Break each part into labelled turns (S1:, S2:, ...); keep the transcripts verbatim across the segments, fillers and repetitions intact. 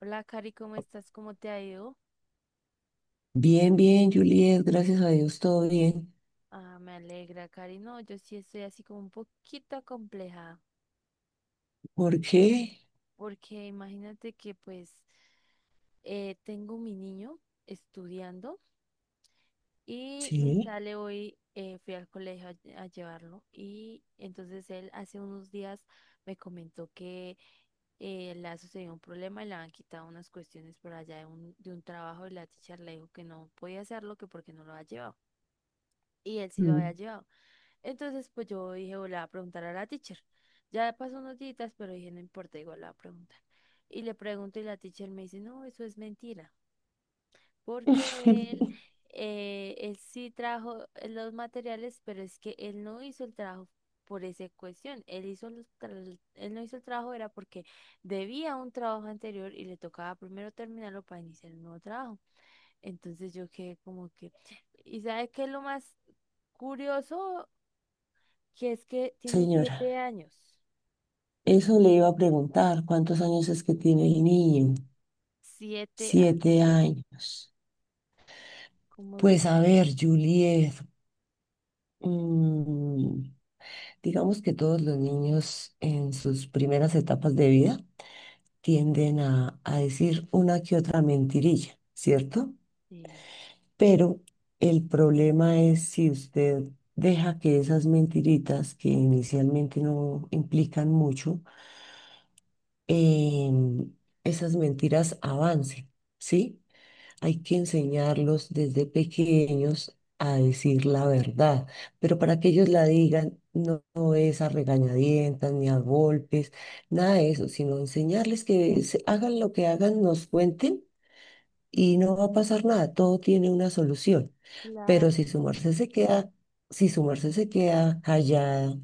S1: Hola, Cari, ¿cómo estás? ¿Cómo te ha ido?
S2: Bien, bien, Juliet, gracias a Dios, todo bien.
S1: Ah, me alegra, Cari. No, yo sí estoy así como un poquito acomplejada,
S2: ¿Por qué?
S1: porque imagínate que pues eh, tengo mi niño estudiando y me
S2: Sí.
S1: sale hoy, eh, fui al colegio a, a llevarlo y entonces él hace unos días me comentó que eh, le ha sucedido un problema y le han quitado unas cuestiones por allá de un, de un trabajo y la teacher le dijo que no podía hacerlo, que porque no lo había llevado. Y él sí lo había
S2: Mm.
S1: llevado. Entonces, pues yo dije, o le voy a preguntar a la teacher. Ya pasó unos días, pero dije, no importa, igual le voy a preguntar. Y le pregunto y la teacher me dice, no, eso es mentira, porque él, eh, él sí trajo los materiales, pero es que él no hizo el trabajo por esa cuestión. Él hizo los tra- él no hizo el trabajo era porque debía un trabajo anterior y le tocaba primero terminarlo para iniciar un nuevo trabajo. Entonces yo quedé como que, ¿y sabe qué es lo más curioso? Que es que tiene
S2: Señora,
S1: siete años.
S2: eso le iba a preguntar, ¿cuántos años es que tiene el niño?
S1: Siete años.
S2: Siete años.
S1: Como, l-
S2: Pues a ver, Juliet, mm, digamos que todos los niños en sus primeras etapas de vida tienden a, a decir una que otra mentirilla, ¿cierto?
S1: sí,
S2: Pero el problema es si usted deja que esas mentiritas que inicialmente no implican mucho, em, esas mentiras avancen, ¿sí? Hay que enseñarlos desde pequeños a decir la verdad, pero para que ellos la digan no, no es a regañadientas ni a golpes, nada de eso, sino enseñarles que se- hagan lo que hagan, nos cuenten y no va a pasar nada, todo tiene una solución. Pero
S1: claro.
S2: si su merced se queda, si su merced se queda callada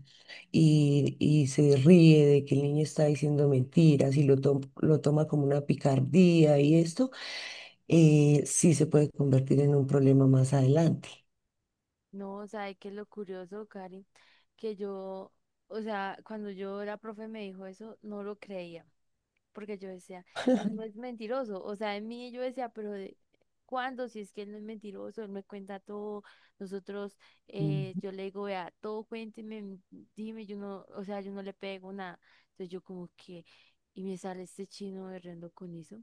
S2: y, y se ríe de que el niño está diciendo mentiras y lo, to- lo toma como una picardía y esto, eh, sí se puede convertir en un problema más adelante.
S1: No, o sea, es que lo curioso, Cari, que yo, o sea, cuando yo la profe me dijo eso, no lo creía, porque yo decía, él no es mentiroso. O sea, en mí yo decía, pero de, ¿cuándo? Si es que él no es mentiroso, él me cuenta todo. Nosotros, eh,
S2: Mm.
S1: yo le digo, vea, todo cuénteme, m- dime, yo no, o sea, yo no le pego nada. Entonces yo como que, y me sale este chino berreando con eso.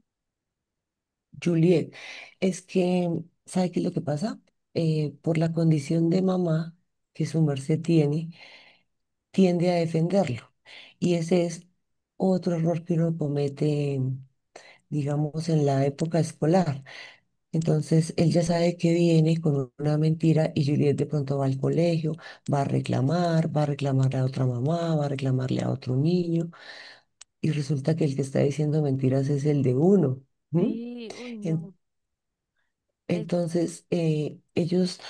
S2: Juliet, es que, ¿sabe qué es lo que pasa? Eh, por la condición de mamá que su merced tiene, tiende a defenderlo. Y ese es otro error que uno comete, digamos, en la época escolar. Entonces, él ya sabe que viene con una mentira y Juliet de pronto va al colegio, va a reclamar, va a reclamarle a otra mamá, va a reclamarle a otro niño y resulta que el que está diciendo mentiras es el de uno. ¿M?
S1: Sí, uy,
S2: En-
S1: no, es,
S2: Entonces, eh, ellos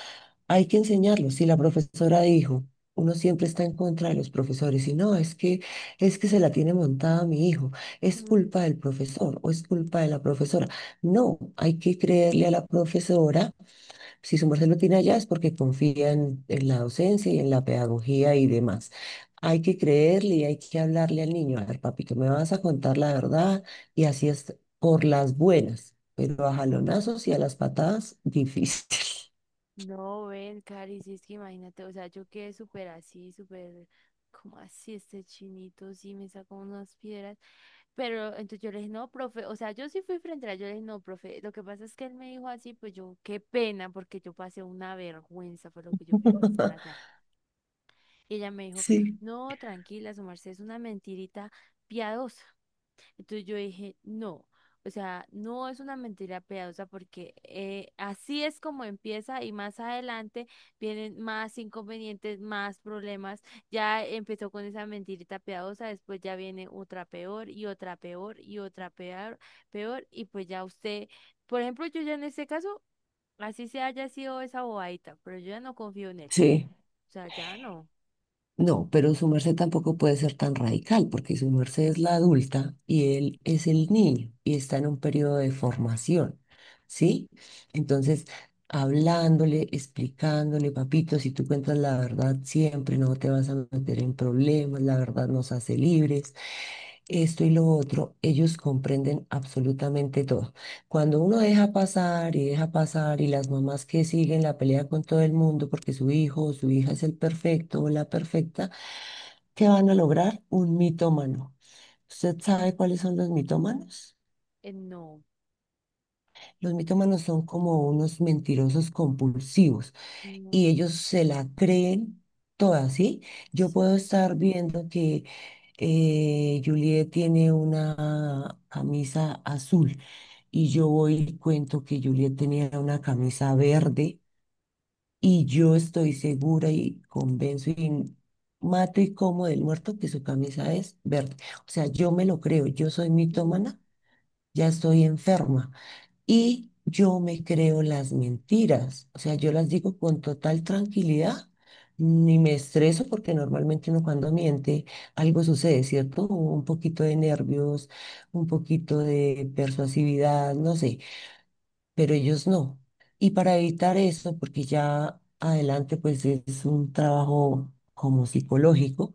S2: hay que enseñarlo. Si la profesora dijo, uno siempre está en contra de los profesores, y no, es que, es que se la tiene montada mi hijo, es
S1: mm,
S2: culpa del profesor o es culpa de la profesora. No, hay que creerle a la profesora. Si su merced lo tiene allá es porque confía en, en la docencia y en la pedagogía y demás. Hay que creerle y hay que hablarle al niño. A ver, papito, me vas a contar la verdad y así es por las buenas, pero a jalonazos y a las patadas, difícil.
S1: no, ven, Cari, si es que imagínate, o sea, yo quedé súper así, súper, como así, este chinito, sí, me sacó unas piedras, pero entonces yo le dije, no, profe, o sea, yo sí fui frente a él, yo le dije, no, profe, lo que pasa es que él me dijo así, pues yo, qué pena, porque yo pasé una vergüenza, fue lo que yo fui a pensar allá, y ella me dijo,
S2: Sí.
S1: no, tranquila, su merced es una mentirita piadosa. Entonces yo dije, no, o sea, no es una mentira piadosa porque eh, así es como empieza y más adelante vienen más inconvenientes, más problemas. Ya empezó con esa mentirita piadosa, después ya viene otra peor y otra peor y otra peor, peor y pues ya usted, por ejemplo, yo ya en este caso, así se haya sido esa bobadita, pero yo ya no confío en él.
S2: Sí,
S1: O sea, ya no,
S2: no, pero su merced tampoco puede ser tan radical, porque su merced es la adulta y él es el niño y está en un periodo de formación, ¿sí? Entonces, hablándole, explicándole, papito, si tú cuentas la verdad siempre, no te vas a meter en problemas, la verdad nos hace libres, esto y lo otro, ellos comprenden absolutamente todo. Cuando uno deja pasar y deja pasar y las mamás que siguen la pelea con todo el mundo porque su hijo o su hija es el perfecto o la perfecta, ¿qué van a lograr? Un mitómano. ¿Usted sabe cuáles son los mitómanos?
S1: eh, no.
S2: Los mitómanos son como unos mentirosos compulsivos y
S1: No,
S2: ellos se la creen toda, ¿sí? Yo puedo estar viendo que eh, Juliet tiene una camisa azul, y yo voy y cuento que Juliet tenía una camisa verde, y yo estoy segura y convenzo y mato y como del muerto que su camisa es verde. O sea, yo me lo creo, yo soy
S1: sí.
S2: mitómana, ya estoy enferma y yo me creo las mentiras. O sea, yo las digo con total tranquilidad. Ni me estreso porque normalmente uno cuando miente algo sucede, ¿cierto? Un poquito de nervios, un poquito de persuasividad, no sé, pero ellos no. Y para evitar eso, porque ya adelante pues es un trabajo como psicológico,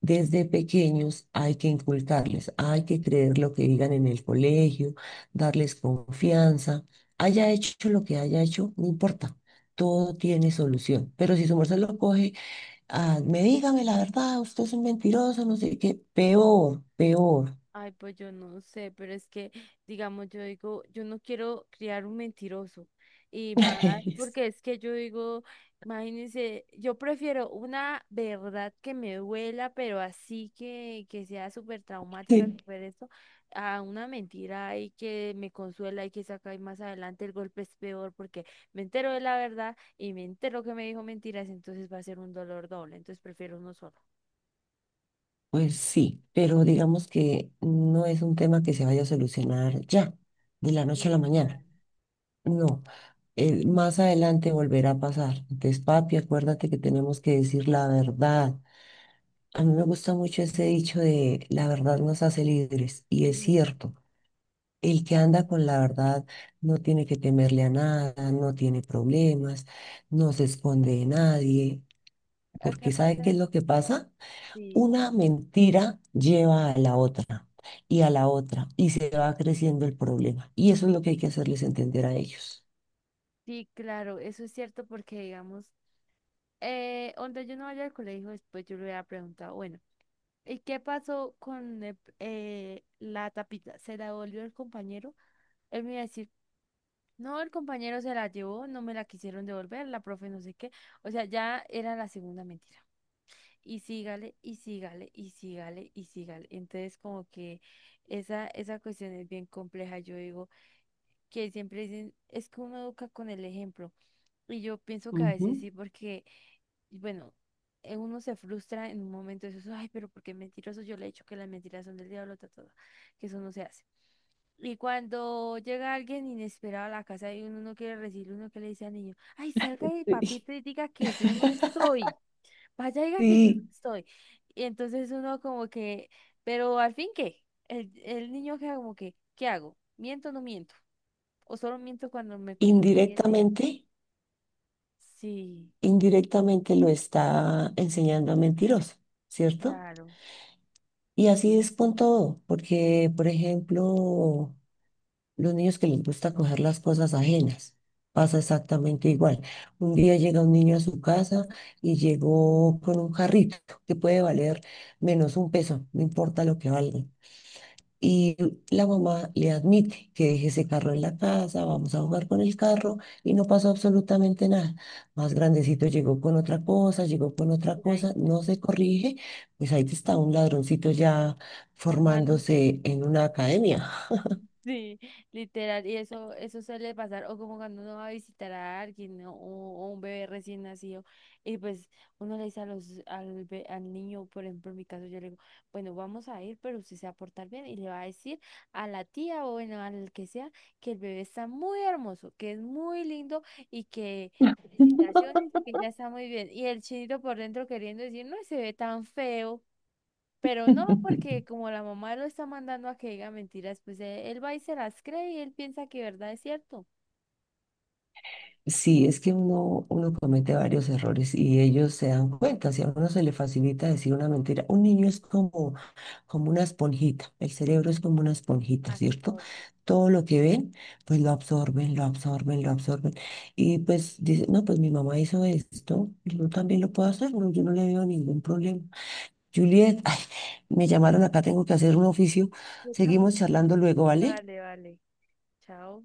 S2: desde pequeños hay que inculcarles, hay que creer lo que digan en el colegio, darles confianza, haya hecho lo que haya hecho, no importa. Todo tiene solución, pero si su merced lo coge, ah, me dígame la verdad, usted es un mentiroso, no sé qué, peor, peor.
S1: Ay, pues yo no sé, pero es que, digamos, yo digo, yo no quiero criar un mentiroso. Y más, porque es que yo digo, imagínense, yo prefiero una verdad que me duela, pero así que, que sea súper traumática,
S2: Sí.
S1: súper esto, a una mentira ahí que me consuela y que saca y más adelante el golpe es peor porque me entero de la verdad y me entero que me dijo mentiras, entonces va a ser un dolor doble, entonces prefiero uno solo.
S2: Pues sí, pero digamos que no es un tema que se vaya a solucionar ya, de la noche a la
S1: Sí,
S2: mañana.
S1: claro.
S2: No, eh, más adelante volverá a pasar. Entonces, papi, acuérdate que tenemos que decir la verdad. A mí me gusta mucho ese dicho de la verdad nos hace libres, y es cierto. El que
S1: Claro.
S2: anda con la verdad no tiene que temerle a nada, no tiene problemas, no se esconde de nadie,
S1: ¿A qué
S2: porque ¿sabe qué es
S1: parte?
S2: lo que pasa?
S1: Sí,
S2: Una mentira lleva a la otra y a la otra y se va creciendo el problema. Y eso es lo que hay que hacerles entender a ellos.
S1: sí, claro, eso es cierto porque, digamos, eh, donde yo no vaya al colegio, después yo le hubiera preguntado, bueno, ¿y qué pasó con el- eh, la tapita? ¿Se la devolvió el compañero? Él me iba a decir, no, el compañero se la llevó, no me la quisieron devolver, la profe no sé qué. O sea, ya era la segunda mentira. Y sígale, y sígale, y sígale, y sígale. Entonces, como que esa, esa cuestión es bien compleja, yo digo, que siempre dicen, es que uno educa con el ejemplo. Y yo pienso que a veces
S2: Ujú.
S1: sí, porque, y bueno, eh, uno se frustra en un momento de eso, ay, pero porque mentiroso, yo le he dicho que las mentiras son del diablo, ta, ta, ta, que eso no se hace. Y cuando llega alguien inesperado a la casa y uno no quiere recibir, uno que le dice al niño, ay, salga de
S2: Sí.
S1: papito y diga que yo no estoy, vaya, diga que yo no
S2: Sí,
S1: estoy. Y entonces uno como que, pero al fin, ¿qué? El, el niño queda como que, ¿qué hago? ¿Miento o no miento? ¿O solo miento cuando me conviene?
S2: indirectamente,
S1: Sí,
S2: indirectamente lo está enseñando a mentiroso, ¿cierto?
S1: claro.
S2: Y así es con todo, porque, por ejemplo, los niños que les gusta coger las cosas ajenas, pasa exactamente igual. Un día llega un niño a su casa y llegó con un carrito que puede valer menos un peso, no importa lo que valga. Y la mamá le admite que deje ese carro en la casa, vamos a jugar con el carro y no pasó absolutamente nada. Más grandecito llegó con otra cosa, llegó con otra
S1: Y ahí
S2: cosa, no se corrige, pues ahí está un ladroncito ya
S1: formándose.
S2: formándose en una academia.
S1: Sí, literal, y eso, eso suele pasar, o como cuando uno va a visitar a alguien, ¿no? O, o un bebé recién nacido, y pues uno le dice a los, al, be- al niño, por ejemplo, en mi caso, yo le digo, bueno, vamos a ir, pero usted se va a portar bien, y le va a decir a la tía, o bueno, al que sea, que el bebé está muy hermoso, que es muy lindo, y que felicitaciones, y que ya está muy bien, y el chinito por dentro queriendo decir, no, se ve tan feo. Pero no, porque como la mamá lo está mandando a que diga mentiras, pues e- él va y se las cree y él piensa que verdad es cierto.
S2: Sí, es que uno, uno comete varios errores y ellos se dan cuenta. Si a uno se le facilita decir una mentira, un niño es como, como una esponjita, el cerebro es como una esponjita, ¿cierto?
S1: Actor.
S2: Todo lo que ven, pues lo absorben, lo absorben, lo absorben. Y pues dicen, no, pues mi mamá hizo esto, yo también lo puedo hacer, no, yo no le veo ningún problema. Juliet, ay, me llamaron acá, tengo que hacer un oficio.
S1: Yo
S2: Seguimos
S1: también.
S2: charlando luego, ¿vale?
S1: Vale, vale. Chao.